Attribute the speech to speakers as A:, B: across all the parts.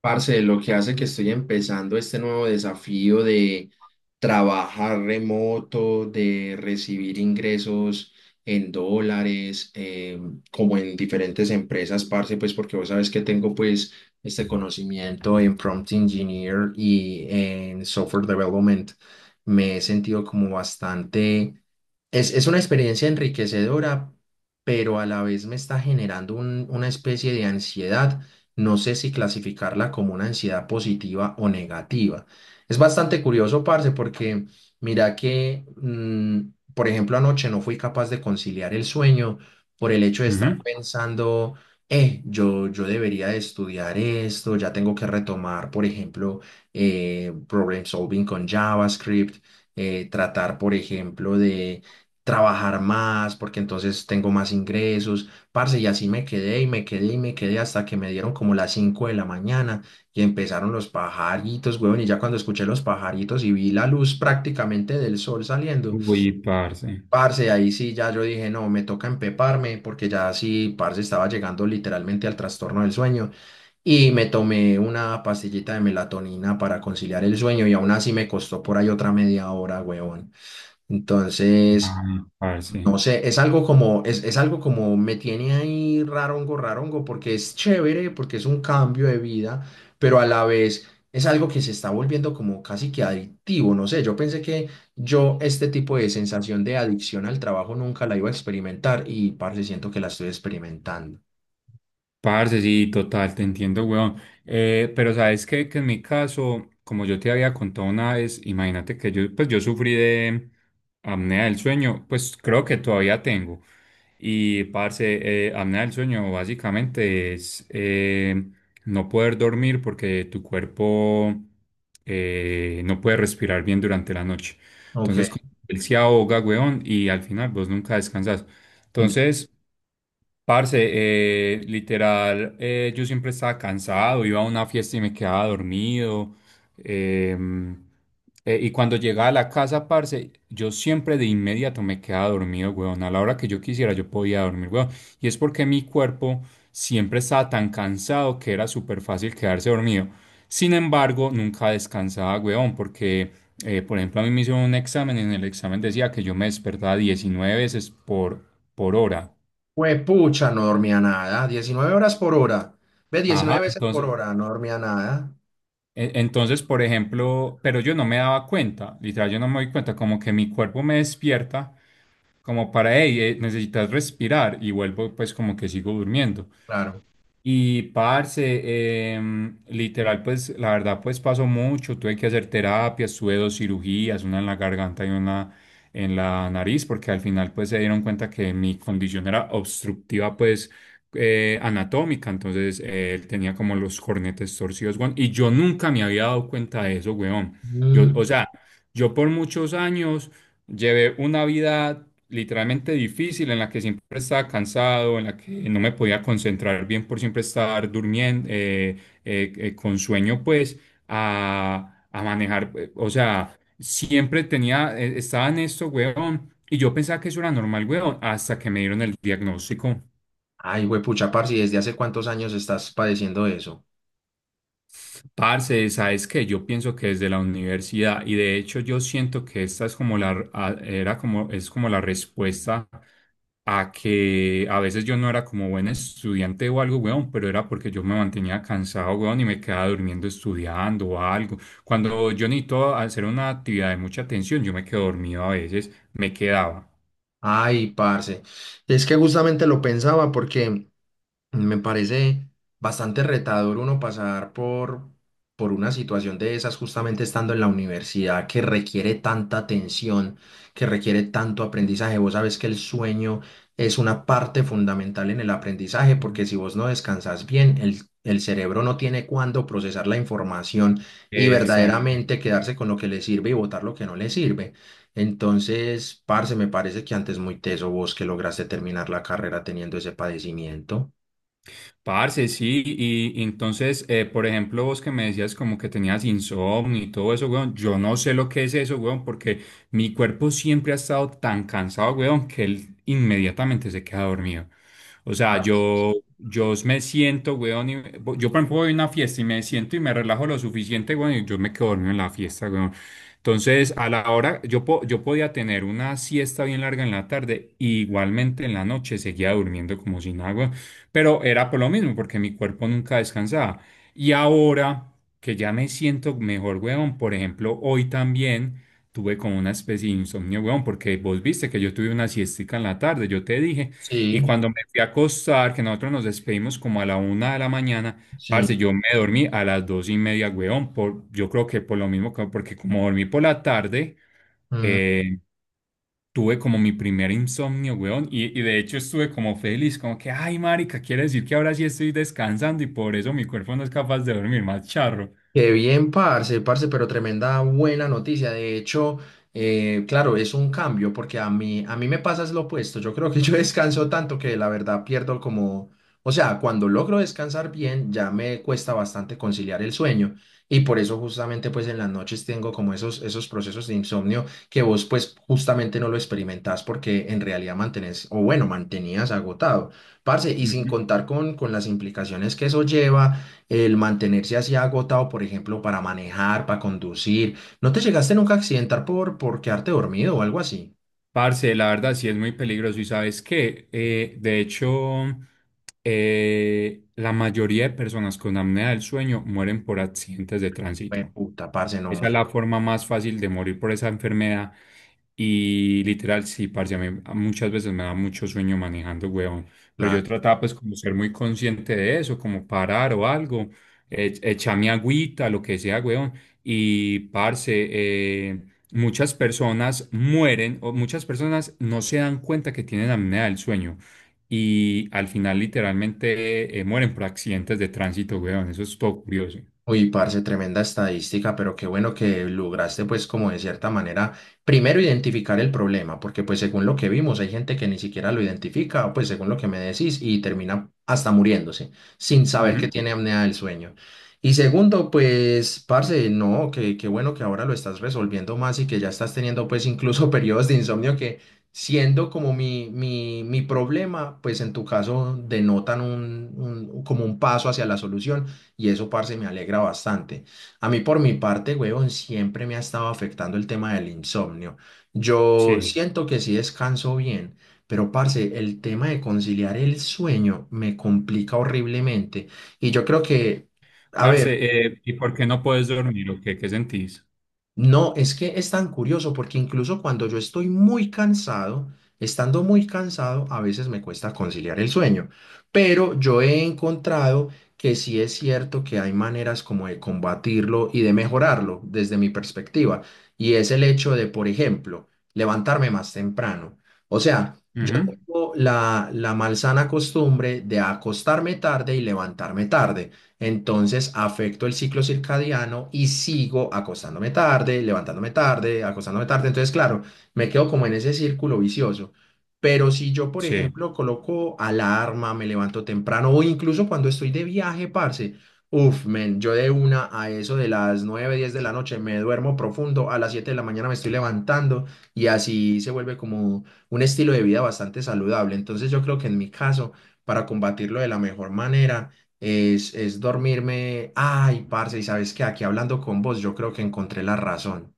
A: Parce, lo que hace que estoy empezando este nuevo desafío de trabajar remoto, de recibir ingresos en dólares, como en diferentes empresas, parce, pues porque vos sabes que tengo pues este conocimiento en prompt engineer y en software development. Me he sentido como bastante es una experiencia enriquecedora, pero a la vez me está generando una especie de ansiedad. No sé si clasificarla como una ansiedad positiva o negativa. Es bastante curioso, parce, porque mira que, por ejemplo, anoche no fui capaz de conciliar el sueño por el hecho de estar
B: Ujú.
A: pensando, yo debería de estudiar esto, ya tengo que retomar, por ejemplo, problem solving con JavaScript, tratar, por ejemplo, de trabajar más, porque entonces tengo más ingresos, parce, y así me quedé y me quedé y me quedé hasta que me dieron como las 5 de la mañana y empezaron los pajaritos, huevón, y ya cuando escuché los pajaritos y vi la luz prácticamente del sol saliendo,
B: Uy, parce. Ay,
A: parce, ahí sí ya yo dije, no, me toca empeparme, porque ya sí, parce, estaba llegando literalmente al trastorno del sueño y me tomé una pastillita de melatonina para conciliar el sueño y aún así me costó por ahí otra media hora, huevón. Entonces.
B: parce.
A: No sé, es algo como, es algo como me tiene ahí rarongo, rarongo, porque es chévere, porque es un cambio de vida, pero a la vez es algo que se está volviendo como casi que adictivo, no sé, yo pensé que yo este tipo de sensación de adicción al trabajo nunca la iba a experimentar y parce, siento que la estoy experimentando.
B: Parce, sí, total, te entiendo, weón. Pero sabes que en mi caso, como yo te había contado una vez, imagínate que yo, pues yo sufrí de apnea del sueño, pues creo que todavía tengo. Y, parce, apnea del sueño básicamente es no poder dormir porque tu cuerpo no puede respirar bien durante la noche.
A: Ok.
B: Entonces, como él se ahoga, weón, y al final vos nunca descansas. Entonces, parce, literal, yo siempre estaba cansado, iba a una fiesta y me quedaba dormido. em, y cuando llegaba a la casa, parce, yo siempre de inmediato me quedaba dormido, weón. A la hora que yo quisiera, yo podía dormir, weón. Y es porque mi cuerpo siempre estaba tan cansado que era súper fácil quedarse dormido. Sin embargo, nunca descansaba, weón, porque, por ejemplo, a mí me hicieron un examen y en el examen decía que yo me despertaba 19 veces por hora.
A: Fue pucha, no dormía nada, 19 horas por hora, ve, 19
B: Ajá,
A: veces por
B: entonces,
A: hora, no dormía nada,
B: e- entonces, por ejemplo, pero yo no me daba cuenta, literal, yo no me doy cuenta, como que mi cuerpo me despierta, como para, hey, necesitas respirar, y vuelvo, pues, como que sigo durmiendo.
A: claro.
B: Y parce, literal, pues la verdad, pues pasó mucho. Tuve que hacer terapias, tuve dos cirugías, una en la garganta y una en la nariz, porque al final, pues se dieron cuenta que mi condición era obstructiva, pues anatómica. Entonces, tenía como los cornetes torcidos, weón. Y yo nunca me había dado cuenta de eso, weón. Yo,
A: Mm,
B: o sea, yo por muchos años. Llevé una vida literalmente difícil en la que siempre estaba cansado, en la que no me podía concentrar bien por siempre estar durmiendo, con sueño, pues, a manejar. O sea, siempre tenía, estaba en esto, weón, y yo pensaba que eso era normal, weón, hasta que me dieron el diagnóstico.
A: Ay, huepucha, parce, ¿y desde hace cuántos años estás padeciendo eso?
B: Parce, sabes que yo pienso que desde la universidad, y de hecho yo siento que esta es como la, a- era como, es como la respuesta a que a veces yo no era como buen estudiante o algo, weón, pero era porque yo me mantenía cansado, weón, y me quedaba durmiendo estudiando o algo. Cuando yo necesito hacer una actividad de mucha atención, yo me quedo dormido a veces, me quedaba.
A: Ay, parce, es que justamente lo pensaba porque me parece bastante retador uno pasar por una situación de esas justamente estando en la universidad que requiere tanta atención, que requiere tanto aprendizaje. Vos sabes que el sueño es una parte fundamental en el aprendizaje
B: Ujú.
A: porque si vos no descansas bien, el cerebro no tiene cuándo procesar la información y
B: Exacto.
A: verdaderamente quedarse con lo que le sirve y botar lo que no le sirve. Entonces, parce, me parece que antes muy teso vos que lograste terminar la carrera teniendo ese padecimiento.
B: Parce, sí, y entonces, por ejemplo, vos que me decías como que tenías insomnio y todo eso, weón, yo no sé lo que es eso, weón, porque mi cuerpo siempre ha estado tan cansado, weón, que él inmediatamente se queda dormido. O sea,
A: Ah.
B: yo me siento, weón, yo por ejemplo voy a una fiesta y me siento y me relajo lo suficiente, weón, y yo me quedo dormido en la fiesta, weón. Entonces, a la hora, yo podía tener una siesta bien larga en la tarde, y igualmente en la noche seguía durmiendo como sin agua. Pero era por lo mismo, porque mi cuerpo nunca descansaba. Y ahora que ya me siento mejor, weón, por ejemplo, hoy también tuve como una especie de insomnio, weón, porque vos viste que yo tuve una siestica en la tarde, yo te dije, y
A: Sí,
B: cuando me fui a acostar, que nosotros nos despedimos como a la una de la mañana, parce,
A: sí.
B: yo me dormí a las dos y media, weón, por, yo creo que por lo mismo, porque como dormí por la tarde,
A: Mm,
B: eh, tuve como mi primer insomnio, weón, y de hecho estuve como feliz, como que, ay, marica, quiere decir que ahora sí estoy descansando y por eso mi cuerpo no es capaz de dormir, más charro.
A: Qué bien, parce, parce, pero tremenda buena noticia. De hecho, claro, es un cambio porque a mí me pasa es lo opuesto. Yo creo que yo descanso tanto que la verdad pierdo como, o sea, cuando logro descansar bien, ya me cuesta bastante conciliar el sueño. Y por eso justamente pues en las noches tengo como esos, esos procesos de insomnio que vos pues justamente no lo experimentás porque en realidad mantenés, o bueno, mantenías agotado. Parce, y sin
B: Ujú.
A: contar con las implicaciones que eso lleva el mantenerse así agotado, por ejemplo, para manejar, para conducir. ¿No te llegaste nunca a accidentar por quedarte dormido o algo así?
B: Parce, la verdad sí es muy peligroso y sabes qué. De hecho, la mayoría de personas con apnea del sueño mueren por accidentes de
A: Fue
B: tránsito.
A: puta, parce, no,
B: Esa
A: muy.
B: es la forma más fácil de morir por esa enfermedad. Y literal, sí, parce, a mí muchas veces me da mucho sueño manejando, huevón. Pero yo trataba pues como ser muy consciente de eso, como parar o algo, echar mi agüita, lo que sea, huevón. Y parce, eh, muchas personas mueren o muchas personas no se dan cuenta que tienen apnea del sueño y al final literalmente mueren por accidentes de tránsito, huevón. Eso es todo curioso.
A: Uy, parce, tremenda estadística, pero qué bueno que lograste pues como de cierta manera primero identificar el problema, porque pues según lo que vimos hay gente que ni siquiera lo identifica, pues según lo que me decís, y termina hasta muriéndose sin saber que
B: Ujú.
A: tiene apnea del sueño. Y segundo, pues parce, no, que qué bueno que ahora lo estás resolviendo más y que ya estás teniendo pues incluso periodos de insomnio que siendo como mi problema, pues en tu caso denotan un, como un paso hacia la solución y eso, parce, me alegra bastante. A mí, por mi parte, huevón, siempre me ha estado afectando el tema del insomnio. Yo
B: Sí.
A: siento que sí descanso bien, pero, parce, el tema de conciliar el sueño me complica horriblemente. Y yo creo que, a
B: Parce,
A: ver,
B: ¿y por qué no puedes dormir o qué? ¿Qué sentís?
A: no, es que es tan curioso porque incluso cuando yo estoy muy cansado, estando muy cansado, a veces me cuesta conciliar el sueño. Pero yo he encontrado que sí es cierto que hay maneras como de combatirlo y de mejorarlo desde mi perspectiva. Y es el hecho de, por ejemplo, levantarme más temprano. O sea,
B: Ujú.
A: tengo la, la malsana costumbre de acostarme tarde y levantarme tarde. Entonces afecto el ciclo circadiano y sigo acostándome tarde, levantándome tarde, acostándome tarde. Entonces, claro, me quedo como en ese círculo vicioso. Pero si yo, por
B: Sí,
A: ejemplo, coloco alarma, me levanto temprano o incluso cuando estoy de viaje, parce, uf, men, yo de una a eso de las 9 10 de la noche me duermo profundo, a las 7 de la mañana me estoy levantando y así se vuelve como un estilo de vida bastante saludable. Entonces yo creo que en mi caso, para combatirlo de la mejor manera, es dormirme, ay, parce, y sabes que aquí hablando con vos, yo creo que encontré la razón.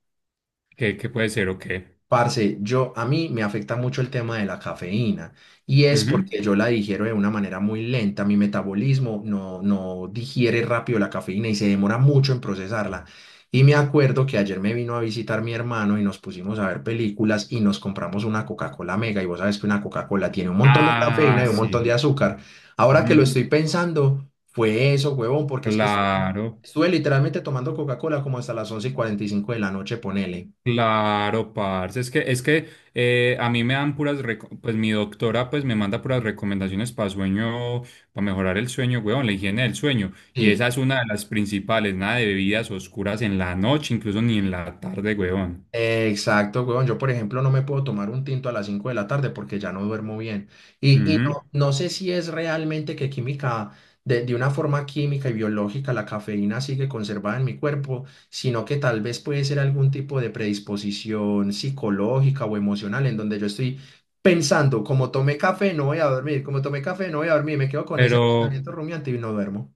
B: ¿qué, qué puede ser o qué?
A: Parce, yo a mí me afecta mucho el tema de la cafeína y es
B: Ujú.
A: porque yo la digiero de una manera muy lenta, mi metabolismo no, no digiere rápido la cafeína y se demora mucho en procesarla. Y me acuerdo que ayer me vino a visitar mi hermano y nos pusimos a ver películas y nos compramos una Coca-Cola Mega y vos sabes que una Coca-Cola tiene un montón de
B: Ah,
A: cafeína y un
B: sí.
A: montón de azúcar. Ahora que lo
B: Ujú.
A: estoy pensando, fue eso, huevón, porque es que estuve
B: Claro,
A: estuve literalmente tomando Coca-Cola como hasta las 11:45 de la noche, ponele.
B: claro, parce. Es que a mí me dan puras, pues mi doctora pues me manda puras recomendaciones para sueño, para mejorar el sueño, weón, la higiene del sueño. Y
A: Sí.
B: esa es una de las principales, nada de bebidas oscuras en la noche, incluso ni en la tarde, weón.
A: Exacto, weón. Yo, por ejemplo, no me puedo tomar un tinto a las 5 de la tarde porque ya no duermo bien. Y
B: Ujú.
A: no, no sé si es realmente que química, de una forma química y biológica, la cafeína sigue conservada en mi cuerpo, sino que tal vez puede ser algún tipo de predisposición psicológica o emocional en donde yo estoy pensando, como tomé café, no voy a dormir, como tomé café, no voy a dormir, me quedo con
B: Pero...
A: ese pensamiento rumiante y no duermo.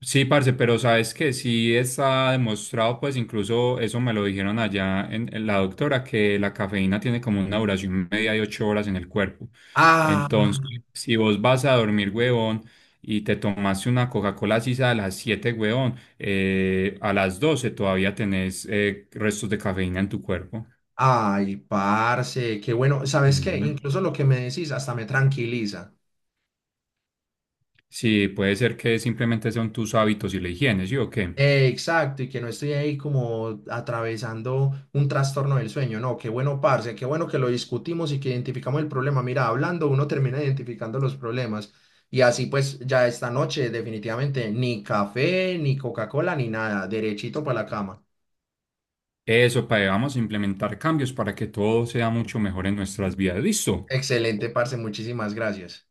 B: Sí, parce, pero sabes que sí está demostrado, pues incluso eso me lo dijeron allá en la doctora, que la cafeína tiene como una duración media de 8 horas en el cuerpo.
A: Ah.
B: Entonces, si vos vas a dormir, huevón, y te tomaste una Coca-Cola sisa a las 7 huevón, a las 12 todavía tenés restos de cafeína en tu cuerpo.
A: Ay, parce, qué bueno. ¿Sabes qué?
B: Ujú.
A: Incluso lo que me decís hasta me tranquiliza.
B: Sí, puede ser que simplemente son tus hábitos y la higiene, ¿sí o qué?
A: Exacto, y que no estoy ahí como atravesando un trastorno del sueño. No, qué bueno, parce, qué bueno que lo discutimos y que identificamos el problema. Mira, hablando uno termina identificando los problemas. Y así pues ya esta noche definitivamente ni café, ni Coca-Cola, ni nada. Derechito para la cama.
B: Eso, para vamos a implementar cambios para que todo sea mucho mejor en nuestras vidas. ¿Listo?
A: Excelente, parce, muchísimas gracias.